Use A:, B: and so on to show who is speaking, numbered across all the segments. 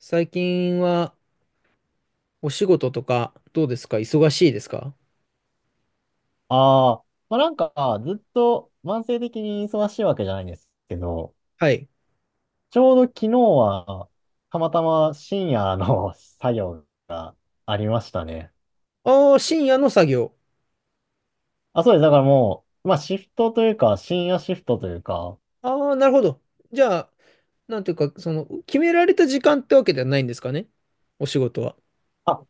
A: 最近はお仕事とかどうですか？忙しいですか？
B: ああ、まあなんか、ずっと慢性的に忙しいわけじゃないんですけど、
A: はい。
B: ちょうど昨日は、たまたま深夜の 作業がありましたね。
A: ああ、深夜の作業。
B: あ、そうです。だからもう、まあシフトというか、深夜シフトというか。
A: ああ、なるほど。じゃあ、なんていうか、その、決められた時間ってわけではないんですかね、お仕事は。
B: あ、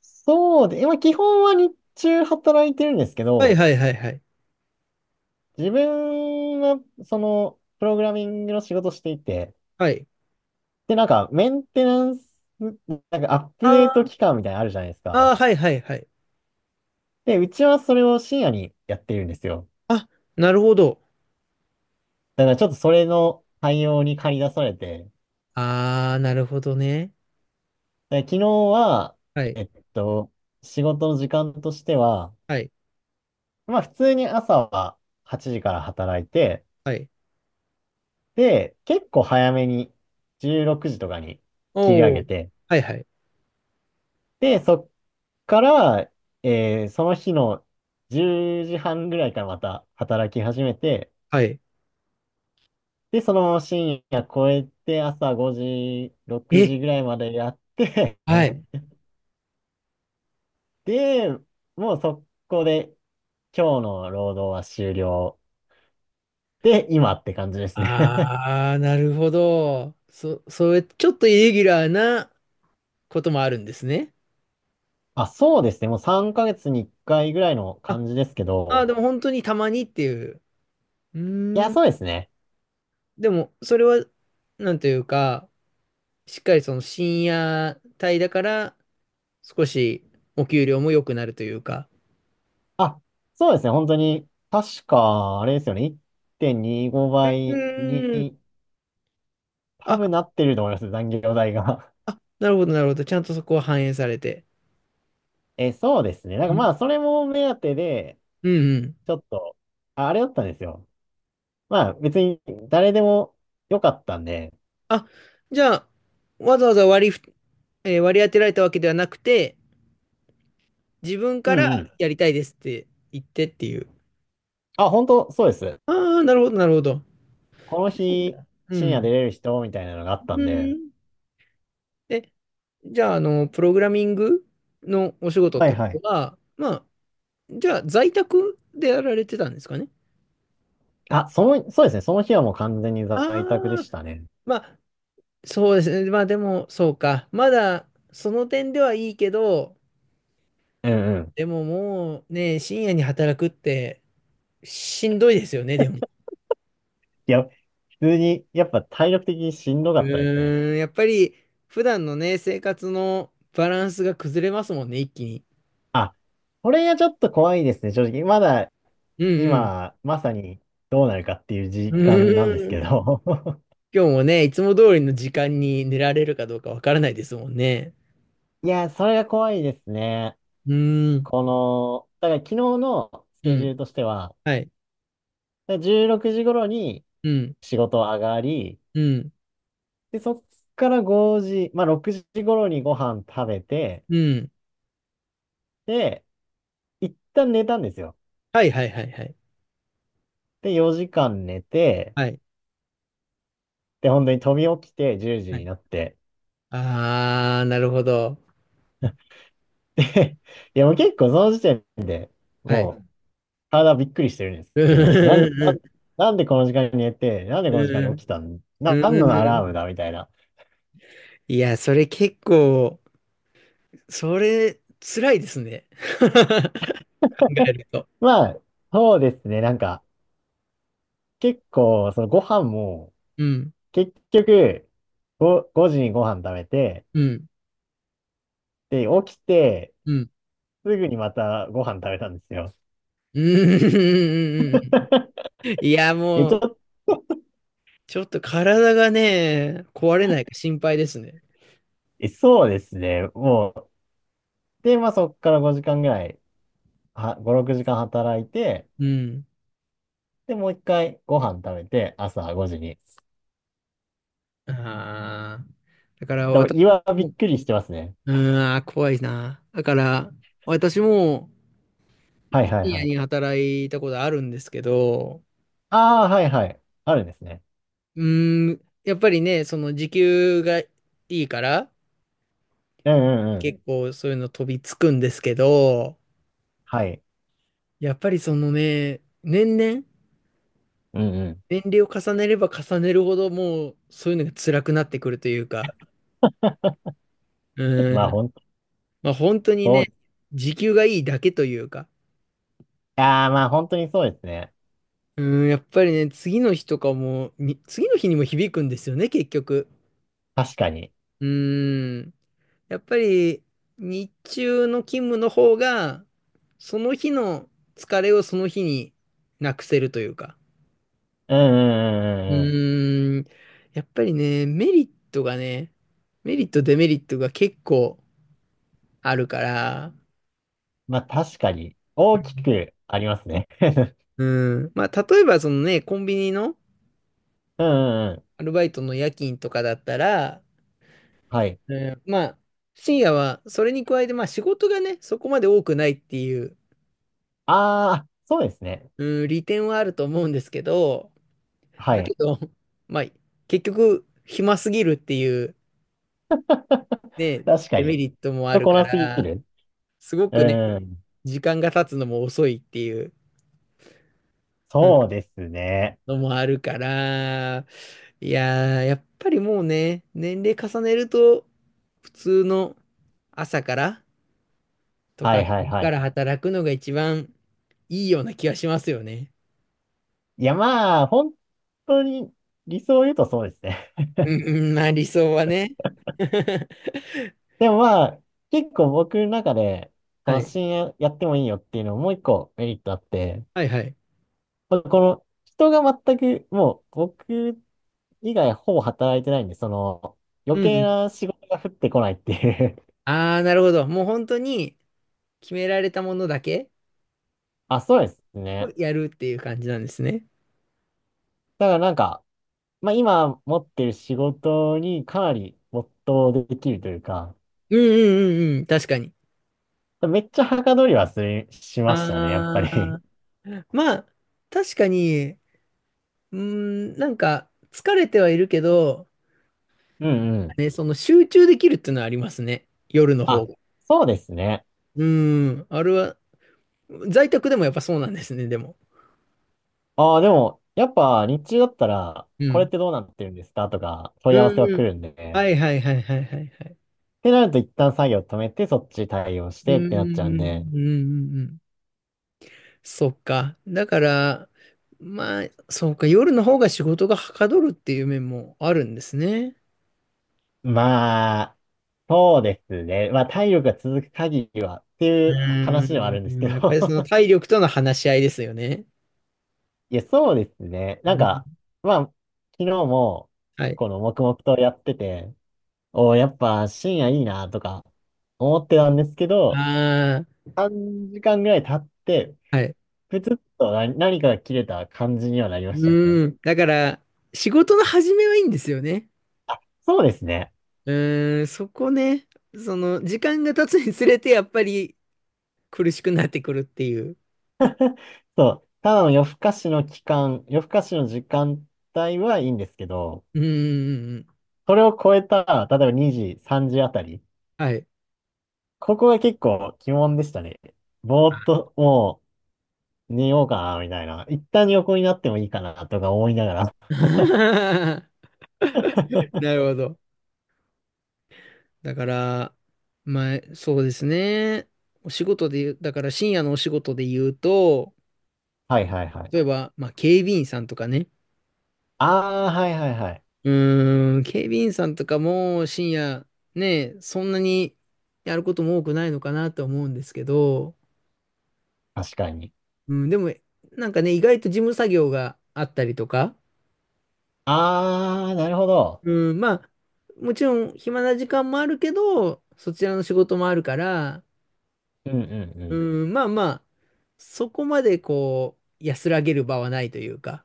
B: そうで、今基本は日中働いてるんですけ
A: はい
B: ど、
A: はいはいはい。
B: 自分は、その、プログラミングの仕事していて、
A: はい。
B: で、なんか、メンテナンス、なんかアッ
A: あ
B: プデート
A: ー
B: 期間みたいなのあるじゃないです
A: あ
B: か。
A: ー、はいはいはい。
B: で、うちはそれを深夜にやってるんですよ。
A: あ、なるほど。
B: だからちょっとそれの対応に駆り出されて、
A: ああ、なるほどね。
B: で昨日は、
A: はい。
B: えっと、仕事の時間としては、
A: はい。
B: まあ普通に朝は8時から働いて、
A: はい。
B: で、結構早めに16時とかに切り上
A: お
B: げ
A: お。
B: て、
A: はいはい。
B: で、そっから、その日の10時半ぐらいからまた働き始めて、
A: はい。
B: で、そのまま深夜超えて、朝5時、6時
A: え、
B: ぐらいまでやって
A: は い。
B: で、もう速攻で今日の労働は終了。で、今って感じですね
A: ああ、なるほど。それ、ちょっとイレギュラーなこともあるんですね。
B: あ、そうですね。もう3ヶ月に1回ぐらいの
A: あ、
B: 感じですけ
A: あー、
B: ど。
A: でも本当にたまにっていう。う
B: いや、
A: ーん。
B: そうですね。
A: でも、それは、なんというか、しっかりその深夜帯だから、少しお給料も良くなるというか。
B: あ、そうですね。本当に、確か、あれですよね。1.25
A: う
B: 倍にごば
A: ー
B: い
A: ん。
B: に多
A: あ、
B: 分なってると思います。残業代が
A: あ、なるほど、なるほど。ちゃんとそこは反映されて。
B: え、そうですね。なん
A: う
B: か
A: ん
B: まあ、それも目当てで、
A: うんうん。
B: ちょっと、ああれだったんですよ。まあ別に誰でもよかったんで。
A: あ、じゃあ、わざわざ割りふ、えー割り当てられたわけではなくて、自分
B: う
A: から
B: んうん。
A: やりたいですって言ってっていう。
B: あ、本当そうです。
A: ああ、なるほど、なるほど。
B: この日、
A: う
B: 深夜出
A: ん。
B: れる人みたいなのがあった
A: う
B: んで。
A: ん。え、じゃあ、あの、プログラミングのお仕事っ
B: はい
A: てこ
B: は
A: と
B: い。
A: は、まあ、じゃあ、在宅でやられてたんですかね？
B: あ、その、そうですね。その日はもう完全に
A: あ
B: 在宅で
A: あ、
B: したね。
A: まあ、そうですね。まあ、でも、そうか。まだ、その点ではいいけど、
B: うんうん。
A: でももうね、深夜に働くってしんどいですよね、でも。
B: いや、普通に、やっぱ体力的にしんどか
A: う
B: ったですね。
A: ーん、やっぱり、普段のね、生活のバランスが崩れますもんね、一気に。
B: あ、これがちょっと怖いですね、正直。まだ、
A: うん
B: 今、まさにどうなるかっていう時
A: うん。
B: 間なんですけ
A: うーん。
B: ど。
A: 今日もね、いつも通りの時間に寝られるかどうかわからないですもんね。
B: いや、それが怖いですね。
A: うーん、
B: この、だから昨日のス
A: う
B: ケジュー
A: ん、
B: ルとしては、
A: はい、
B: だから16時頃に
A: うん、
B: 仕事上がり、
A: うん、
B: で、そっから5時、まあ6時頃にご飯食べて、
A: うん。
B: で、一旦寝たんですよ。
A: はいはいはいはい。
B: で、4時間寝て、
A: はい、
B: で、本当に飛び起きて10時
A: は
B: に
A: い。
B: なって、
A: あー、なるほど。
B: で、いやもう結構その時点で
A: は
B: もう
A: い。
B: 体びっくりしてるんです
A: う
B: けど、
A: ん、
B: なんでこの時間に寝て、なん で
A: う
B: この時間に
A: ん、
B: 起きたん、な
A: うん、
B: んのア
A: う
B: ラーム
A: ん。
B: だみたいな。
A: いや、それ結構、それ、辛いですね。考えると。
B: まあ、そうですね。なんか、結構、そのご飯も、
A: うん、
B: 結局、5時にご飯食べて、
A: うん、
B: で、起きて、
A: うん。
B: すぐにまたご飯食べたんですよ。
A: うん、うん、いや、も
B: ちょっ
A: う、
B: と、
A: ちょっと体がね、壊れないか心配ですね。
B: そうですね。もう、で、まあそこから5時間ぐらい、は、5、6時間働いて、
A: うん。
B: で、もう一回ご飯食べて、朝5時に。
A: ああ。だから
B: でも、
A: 私
B: 胃はびっ
A: も、
B: くりしてますね。
A: うーん、あー怖いな。だから、私も
B: はい
A: 深
B: はいは
A: 夜
B: い。
A: に働いたことあるんですけど、
B: ああ、はいはい。あるんですね。
A: うーん、やっぱりね、その時給がいいから、
B: うんうんうん。
A: 結構そういうの飛びつくんですけど、
B: はい。
A: やっぱりそのね、年々、
B: うんうん。
A: 年齢を重ねれば重ねるほど、もうそういうのが辛くなってくるというか、う
B: まあ
A: ーん、
B: 本
A: まあ本当に
B: 当、
A: ね、時給がいいだけというか、
B: ああ、まあ本当にそうですね。
A: うーん、やっぱりね、次の日にも響くんですよね、結局。
B: 確かに。
A: うーん。やっぱり、日中の勤務の方が、その日の疲れをその日になくせるというか。
B: うんう
A: う
B: んうんうんうん。
A: ーん。やっぱりね、メリット、デメリットが結構あるから、
B: まあ確かに、大きくありますね。
A: うん。まあ、例えばそのね、コンビニの
B: うんうんうん。
A: アルバイトの夜勤とかだったら、
B: はい。
A: まあ、深夜は、それに加えて、まあ仕事がね、そこまで多くないっていう、
B: ああ、そうですね。
A: うん、利点はあると思うんですけど、
B: は
A: だけ
B: い。
A: ど、まあ、結局、暇すぎるっていう、ね、
B: 確か
A: デメ
B: に。
A: リットもあ
B: 人
A: る
B: こ
A: か
B: なすぎ
A: ら、
B: る。
A: すごくね、
B: うん。
A: 時間が経つのも遅いっていううん
B: そうですね。
A: のもあるから、いやー、やっぱりもうね、年齢重ねると、普通の朝から、と
B: は
A: か、
B: いはい
A: 昼
B: は
A: か
B: い。
A: ら働くのが一番いいような気がしますよね。
B: いやまあ、本当に理想を言うとそうですね。
A: うんうん、まあ理想はね。
B: でもまあ、結構僕の中で、こ
A: は
B: の
A: い。
B: 深夜やってもいいよっていうのももう一個メリットあって、
A: はいはい。
B: まあこの人が全く、もう僕以外ほぼ働いてないんで、その
A: う
B: 余
A: んう
B: 計
A: ん。
B: な仕事が降ってこないっていう
A: ああ、なるほど。もう本当に決められたものだけ
B: あ、そうです
A: を
B: ね。
A: やるっていう感じなんですね。
B: だからなんか、まあ今持ってる仕事にかなり没頭できるというか、
A: うんうんうんうん、確かに。
B: めっちゃはかどりはする、しましたね、やっぱ
A: あ
B: り。
A: あ、まあ、確かに、うーん、なんか疲れてはいるけど、
B: うんうん。
A: ね、その集中できるっていうのはありますね。夜の方
B: あ、
A: が。
B: そうですね。
A: うーん、あれは、在宅でもやっぱそうなんですね、でも。
B: ああ、でも、やっぱ日中だったら、
A: う
B: これっ
A: ん。
B: てどうなってるんですかとか問
A: う
B: い合わ
A: ん
B: せは
A: うん
B: 来るんで。
A: はいはいはいはいはいはい。
B: ってなると一旦作業止めて、そっち対応し
A: う
B: てっ
A: んうん
B: てなっちゃうんで。
A: うんうんうん。そっか。だから、まあ、そうか。夜の方が仕事がはかどるっていう面もあるんですね。
B: まあ、そうですね。まあ、体力が続く限りはって
A: う
B: いう話ではあるんです
A: ー
B: け
A: ん。やっぱ
B: ど
A: りその 体力との話し合いですよね。
B: いや、そうですね。なん
A: う
B: か、
A: ん。
B: まあ、昨日も、
A: はい。
B: この黙々とやってて、おおやっぱ深夜いいなとか思ってたんですけど、
A: あ
B: 3時間ぐらい経って、
A: あ、はい。
B: プツッと何かが切れた感じにはなりま
A: う
B: したね。
A: ーん。だから、仕事の始めはいいんですよね。
B: あ、そうですね。
A: うーん。そこね。その、時間が経つにつれて、やっぱり苦しくなってくるっていう。
B: そう、ただの夜更かしの時間帯はいいんですけど、
A: うんうん
B: それを超えた、例えば2時、3時あたり、
A: はい。
B: ここが結構鬼門でしたね。ぼーっともう寝ようかな、みたいな。一旦横になってもいいかな、とか思いながら。
A: なる ほど。だから、まあ、そうですね。お仕事で言う、だから深夜のお仕事で言うと、
B: はいはいはい。
A: 例えば、まあ、警備員さんとかね。
B: ああ、はいはいはい。
A: うーん、警備員さんとかも深夜、ね、そんなにやることも多くないのかなと思うんですけど、
B: 確かに。
A: うん、でも、なんかね、意外と事務作業があったりとか、
B: ああ、なるほど。
A: うん、まあ、もちろん暇な時間もあるけど、そちらの仕事もあるから、
B: うんうんう
A: う
B: ん。
A: ん、まあまあ、そこまでこう、安らげる場はないというか。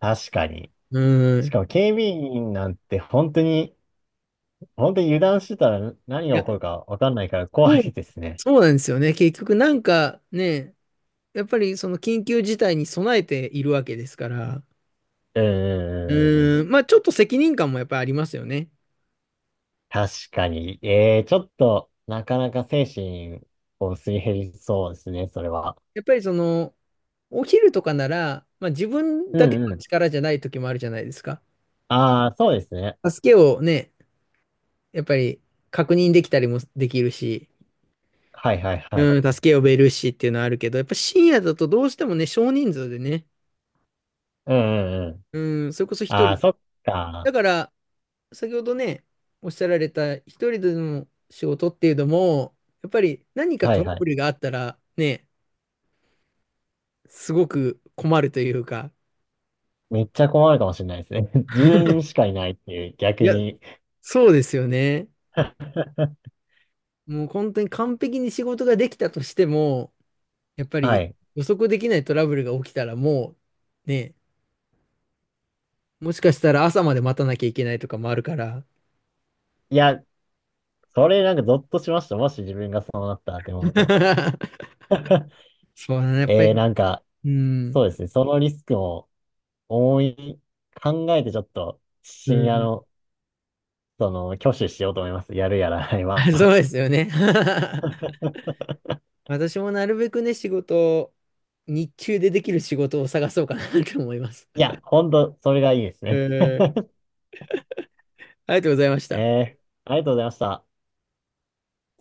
B: 確かに。
A: う
B: し
A: ん。
B: かも警備員なんて本当に、本当に油断してたら何
A: い
B: が
A: や、
B: 起こるかわかんないから怖
A: そう、
B: いですね。
A: そうなんですよね。結局なんかね、やっぱりその緊急事態に備えているわけですから、
B: うーん。
A: うん、まあちょっと責任感もやっぱりありますよね。
B: 確かに。ちょっと、なかなか精神をすり減りそうですね、それは。
A: やっぱりその、お昼とかなら、まあ自分
B: う
A: だけ
B: んう
A: の
B: ん。
A: 力じゃない時もあるじゃないですか。
B: ああ、そうですね。
A: 助けをね、やっぱり確認できたりもできるし、
B: はいはいはい。
A: うん、助け呼べるしっていうのはあるけど、やっぱ深夜だとどうしてもね、少人数でね、
B: うんうんうん。
A: うん、それこそ一人
B: ああ、
A: で。
B: そっ
A: だ
B: か。
A: から、先ほどね、おっしゃられた一人での仕事っていうのも、やっぱり何か
B: は
A: ト
B: い
A: ラ
B: は
A: ブ
B: い。
A: ルがあったらね、すごく困るというか、
B: めっちゃ困るかもしれないですね。自分しかいないっていう、
A: い
B: 逆
A: や、
B: に。
A: そうですよね。もう本当に完璧に仕事ができたとしても、やっぱ
B: は
A: り
B: い。
A: 予測できないトラブルが起きたらもう、ね、もしかしたら朝まで待たなきゃいけないとかもあるから。
B: いや、それなんかゾッとしました。もし自分がそうなったって思うと。
A: そうだね。やっぱり
B: なんか、
A: うん。
B: そうですね。そのリスクを思い、考えてちょっと、
A: う
B: 深夜
A: ん。
B: の その、挙手しようと思います。やるやらない
A: あそ
B: は。
A: うですよね。私もなるべくね、仕事を、日中でできる仕事を探そうかなと思います。
B: いや、ほんと、それがいいです
A: え
B: ね。
A: ー、ありがとうございました。
B: えー、ありがとうございました。